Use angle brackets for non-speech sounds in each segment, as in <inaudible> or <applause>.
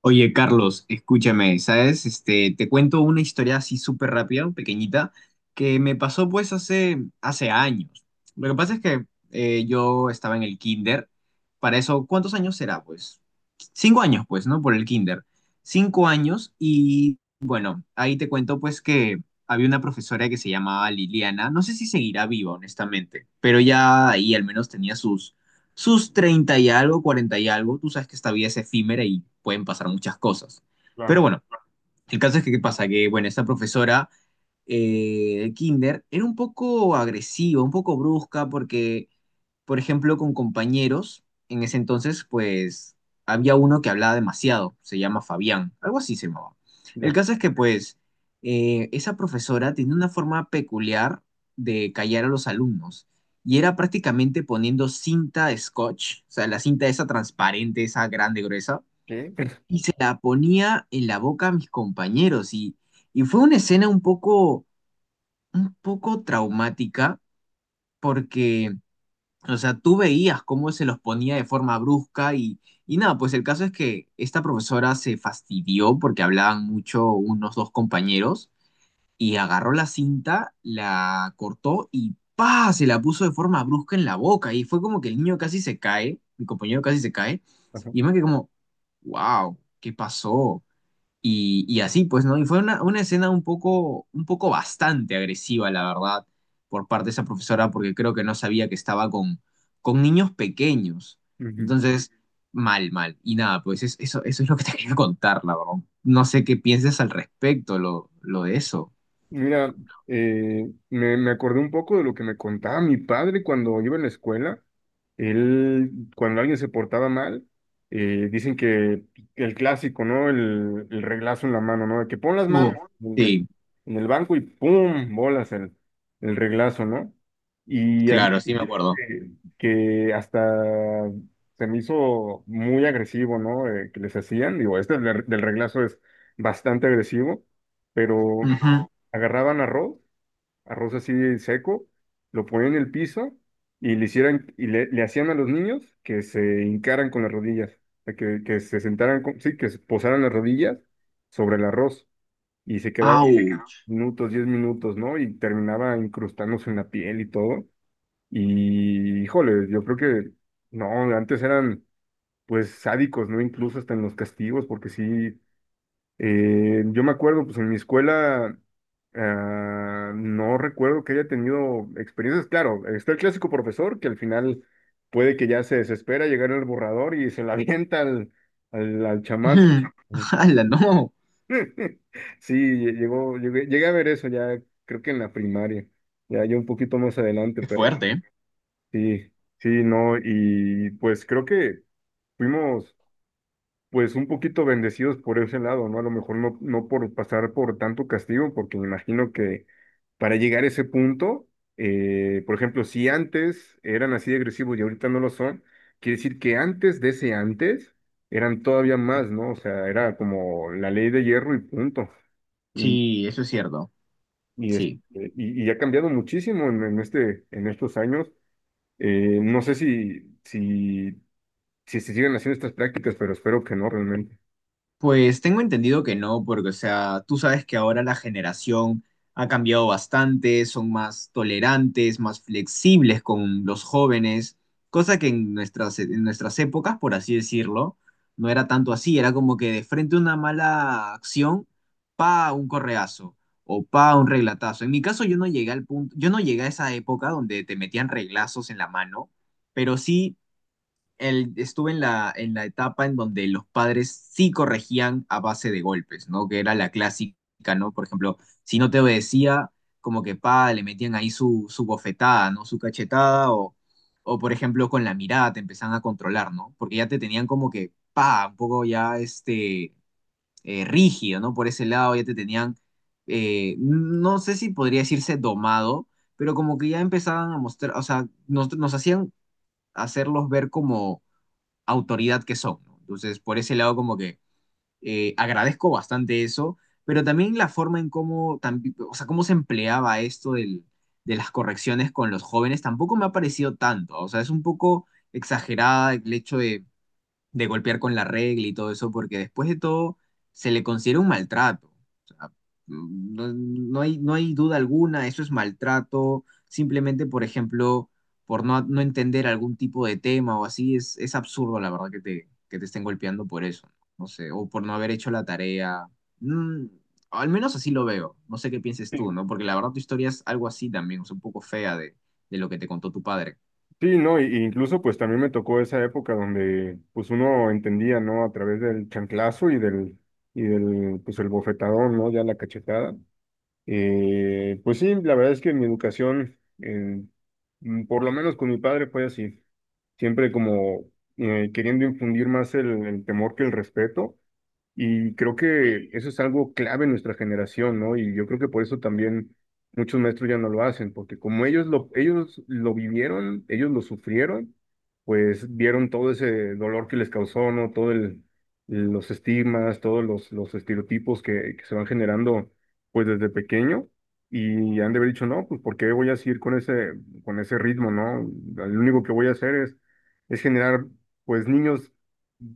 Oye, Carlos, escúchame, ¿sabes? Te cuento una historia así súper rápida, pequeñita, que me pasó pues hace años. Lo que pasa es que yo estaba en el kinder. Para eso, ¿cuántos años será? Pues cinco años, pues, ¿no? Por el kinder. 5 años y bueno, ahí te cuento pues que había una profesora que se llamaba Liliana. No sé si seguirá viva, honestamente, pero ya ahí al menos tenía sus 30 y algo, 40 y algo, tú sabes que esta vida es efímera y pueden pasar muchas cosas. Pero Claro, bueno, el caso es que, ¿qué pasa? Que, bueno, esta profesora de Kinder era un poco agresiva, un poco brusca, porque por ejemplo, con compañeros, en ese entonces, pues había uno que hablaba demasiado, se llama Fabián, algo así se llamaba. El ya. caso es que, pues, esa profesora tenía una forma peculiar de callar a los alumnos y era prácticamente poniendo cinta de scotch, o sea, la cinta esa transparente, esa grande, gruesa, ¿Qué? y se la ponía en la boca a mis compañeros y fue una escena un poco traumática porque o sea, tú veías cómo se los ponía de forma brusca y nada, pues el caso es que esta profesora se fastidió porque hablaban mucho unos dos compañeros y agarró la cinta, la cortó y ¡pa! Se la puso de forma brusca en la boca y fue como que el niño casi se cae, mi compañero casi se cae Ajá, y me quedé como, wow, ¿qué pasó? Y así, pues, ¿no? Y fue una escena un poco bastante agresiva, la verdad, por parte de esa profesora, porque creo que no sabía que estaba con niños pequeños. ujú. Entonces, mal, mal. Y nada, pues eso es lo que te <laughs> quería contar, la verdad. No sé qué pienses al respecto, lo de eso. Mira, me acordé un poco de lo que me contaba mi padre cuando iba en la escuela. Él, cuando alguien se portaba mal, dicen que el clásico, ¿no? El reglazo en la mano, ¿no? De que pon las Uh, manos en, en- sí, en el banco y ¡pum! Bolas el reglazo, ¿no? Y había claro, sí me acuerdo. eh, que hasta se me hizo muy agresivo, ¿no? Que les hacían, digo, este del reglazo es bastante agresivo, pero Ujú. agarraban arroz, arroz así seco, lo ponían en el piso y le hicieran, y le hacían a los niños que se hincaran con las rodillas, o sea, que se sentaran, sí, que se posaran las rodillas sobre el arroz y se quedaban Au. Diez minutos, ¿no? Y terminaba incrustándose en la piel y todo. Y, híjole, yo creo que, no, antes eran, pues, sádicos, ¿no? Incluso hasta en los castigos, porque sí, yo me acuerdo, pues, en mi escuela, ah, no recuerdo que haya tenido experiencias, claro, está el clásico profesor que al final puede que ya se desespera, llegar al borrador y se la <laughs> avienta al, al chamaco. Ujú. <laughs> ¡Hala, no! <laughs> Sí, llegué a ver eso ya, creo que en la primaria, ya, ya un poquito más adelante. Qué fuerte. ¿Eh? Sí, sí, no, y pues creo que fuimos pues un poquito bendecidos por ese lado, ¿no? A lo mejor no, no por pasar por tanto castigo, porque me imagino que para llegar a ese punto, por ejemplo, si antes eran así de agresivos y ahorita no lo son, quiere decir que antes de ese antes eran todavía más, ¿no? O sea, era como la ley de hierro y punto. Y, Sí, eso es cierto. y, este, Sí. y ha cambiado muchísimo en estos años. No sé si, si se siguen haciendo estas prácticas, pero espero que no realmente. Pues tengo entendido que no, porque, o sea, tú sabes que ahora la generación ha cambiado bastante, son más tolerantes, más flexibles con los jóvenes, cosa que en en nuestras épocas, por así decirlo, no era tanto así, era como que de frente a una mala acción, pa, un correazo o pa, un reglatazo. En mi caso yo no llegué al punto, yo no llegué a esa época donde te metían reglazos en la mano, pero sí estuve en en la etapa en donde los padres sí corregían a base de golpes, ¿no? Que era la clásica, ¿no? Por ejemplo, si no te obedecía, como que pa, le metían ahí su bofetada, ¿no? Su cachetada o, por ejemplo, con la mirada te empezaban a controlar, ¿no? Porque ya te tenían como que pa, un poco ya rígido, ¿no? Por ese lado ya te tenían. No sé si podría decirse domado, pero como que ya empezaban a mostrar, o sea, nos hacían hacerlos ver como autoridad que son. ¿No? Entonces, por ese lado, como que agradezco bastante eso, pero también la forma en cómo, o sea, cómo se empleaba esto de las correcciones con los jóvenes tampoco me ha parecido tanto. O sea, es un poco exagerada el hecho de golpear con la regla y todo eso, porque después de todo se le considera un maltrato. O sea, no hay, no hay duda alguna, eso es maltrato, simplemente, por ejemplo, por no entender algún tipo de tema o así, es absurdo, la verdad, que que te estén golpeando por eso, no sé, o por no haber hecho la tarea. Mm, al menos así lo veo, no sé qué pienses tú, Sí, ¿no? Porque la verdad tu historia es algo así también, o sea, un poco fea de lo que te contó tu padre. sí, no, y incluso pues también me tocó esa época donde pues uno entendía, ¿no? A través del chanclazo y del, pues el bofetadón, ¿no? Ya la cachetada. Pues sí, la verdad es que mi educación, por lo menos con mi padre fue así, siempre como queriendo infundir más el temor que el respeto. Y creo que eso es algo clave en nuestra generación, ¿no? Y yo creo que por eso también muchos maestros ya no lo hacen, porque como ellos lo vivieron, ellos lo sufrieron, pues vieron todo ese dolor que les causó, ¿no? Los estigmas, todos los estereotipos que se van generando, pues desde pequeño, y han de haber dicho, no, pues ¿por qué voy a seguir con ese ritmo, ¿no? Lo único que voy a hacer es generar, pues, niños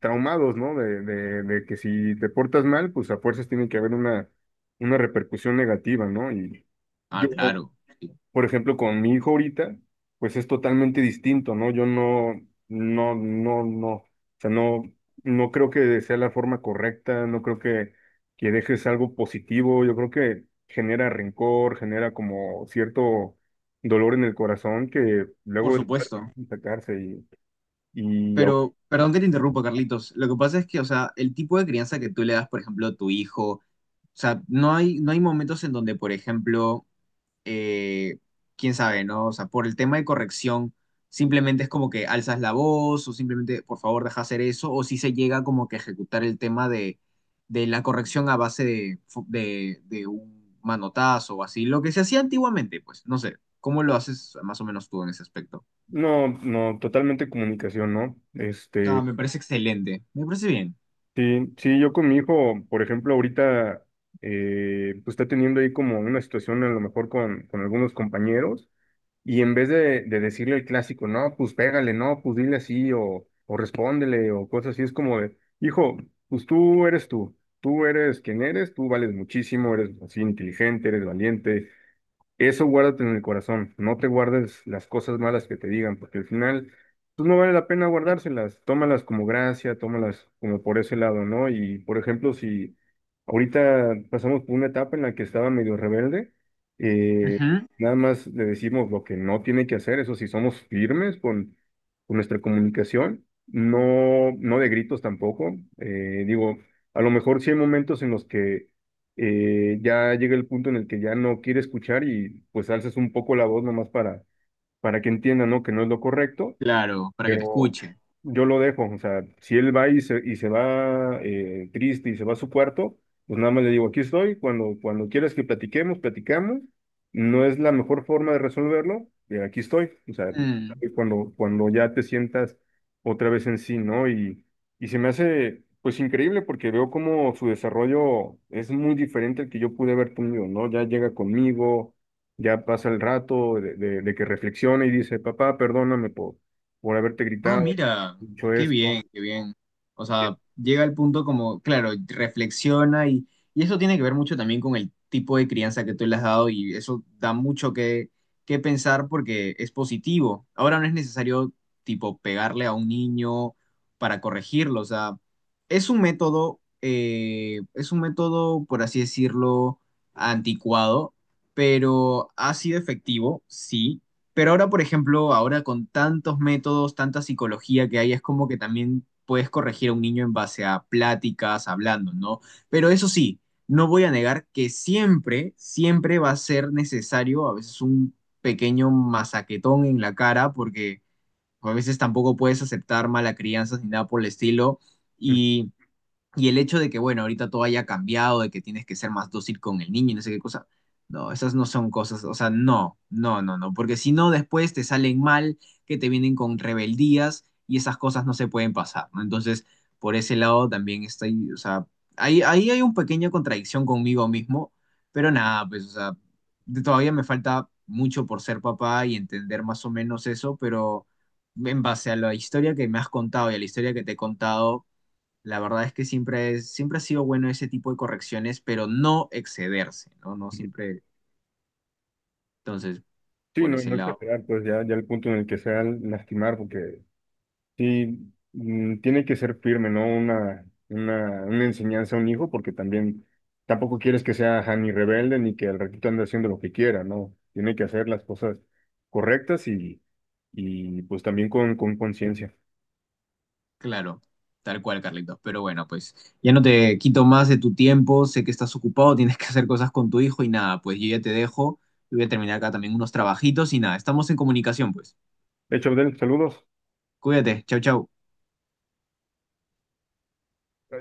traumados, ¿no? De que si te portas mal, pues a fuerzas tiene que haber una repercusión negativa, ¿no? Y yo, Ah, claro, sí, por ejemplo, con mi hijo ahorita, pues es totalmente distinto, ¿no? Yo no, no, no, no, o sea, no, no creo que sea la forma correcta, no creo que dejes algo positivo, yo creo que genera rencor, genera como cierto dolor en el corazón que por luego es supuesto. sacarse. y, y Pero, perdón que te interrumpo, Carlitos. Lo que pasa es que, o sea, el tipo de crianza que tú le das, por ejemplo, a tu hijo, o sea, no hay, no hay momentos en donde, por ejemplo, eh, quién sabe, ¿no? O sea, por el tema de corrección, simplemente es como que alzas la voz o simplemente, por favor, deja hacer eso, o si se llega como que a ejecutar el tema de la corrección a base de un manotazo o así, lo que se hacía antiguamente, pues, no sé, ¿cómo lo haces más o menos tú en ese aspecto? No, no, totalmente comunicación, ¿no? Ah, me parece excelente, me parece bien. Sí, sí, yo con mi hijo, por ejemplo, ahorita, pues está teniendo ahí como una situación a lo mejor con algunos compañeros, y en vez de decirle el clásico, no, pues pégale, no, pues dile así, o respóndele, o cosas así, es como de, hijo, pues tú eres tú, tú eres quien eres, tú vales muchísimo, eres así inteligente, eres valiente, eso guárdate en el corazón, no te guardes las cosas malas que te digan, porque al final, pues no vale la pena guardárselas, tómalas como gracia, tómalas como por ese lado, ¿no? Y por ejemplo, si ahorita pasamos por una etapa en la que estaba medio rebelde, eh, Ujú. nada más le decimos lo que no tiene que hacer, eso sí, somos firmes con nuestra comunicación, no, no de gritos tampoco, digo, a lo mejor sí hay momentos en los que ya llega el punto en el que ya no quiere escuchar y pues alzas un poco la voz nomás para que entienda, ¿no? Que no es lo correcto, Claro, para que te pero escuche. yo lo dejo, o sea, si él va y se va triste y se va a su cuarto, pues nada más le digo, aquí estoy, cuando, cuando quieras que platiquemos, platicamos, no es la mejor forma de resolverlo, aquí estoy, o sea, Mm. cuando ya te sientas otra vez en sí, ¿no? Y se me hace, pues increíble porque veo como su desarrollo es muy diferente al que yo pude haber tenido, ¿no? Ya llega conmigo. Ya pasa el rato de que reflexiona y dice, papá, perdóname por haberte Ah, gritado, mira, dicho qué bien, eso. qué bien. O sea, llega al punto como, claro, reflexiona y eso tiene que ver mucho también con el tipo de crianza que tú le has dado y eso da mucho que pensar porque es positivo. Ahora no es necesario, tipo, pegarle a un niño para corregirlo. O sea, es un método, por así decirlo, anticuado, pero ha sido efectivo, sí. Pero ahora, por ejemplo, ahora con tantos métodos, tanta psicología que hay, es como que también puedes corregir a un niño en base a pláticas, hablando, ¿no? Pero eso sí, no voy a negar que siempre va a ser necesario a veces un pequeño masaquetón en la cara, porque pues, a veces tampoco puedes aceptar mala crianza ni nada por el estilo. <laughs> Y y el hecho de que, bueno, ahorita todo haya cambiado, de que tienes que ser más dócil con el niño y no sé qué cosa. No, esas no son cosas, o sea, no, no, no, no, porque si no después te salen mal, que te vienen con rebeldías y esas cosas no se pueden pasar, ¿no? Entonces, por ese lado también estoy, o sea, ahí hay una pequeña contradicción conmigo mismo, pero nada, pues, o sea, todavía me falta mucho por ser papá y entender más o menos eso, pero en base a la historia que me has contado y a la historia que te he contado, la verdad es que siempre ha sido bueno ese tipo de correcciones, pero no excederse, ¿no? No siempre, entonces, Sí, por no, ese no lado, exagerar, pues ya, ya el punto en el que sea lastimar, porque sí, mm, tiene que ser firme, ¿no? Una enseñanza a un hijo, porque también tampoco quieres que sea ajá, ni rebelde ni que al ratito ande haciendo lo que quiera, ¿no? Tiene que hacer las cosas correctas y pues también con conciencia. claro, tal cual, Carlitos. Pero bueno, pues ya no te quito más de tu tiempo, sé que estás ocupado, <laughs> tienes que hacer cosas con tu hijo y nada, pues yo ya te dejo, yo voy a terminar acá también unos trabajitos y nada, estamos en comunicación, pues. De hecho, Abdel, saludos. Cuídate, chau, chau.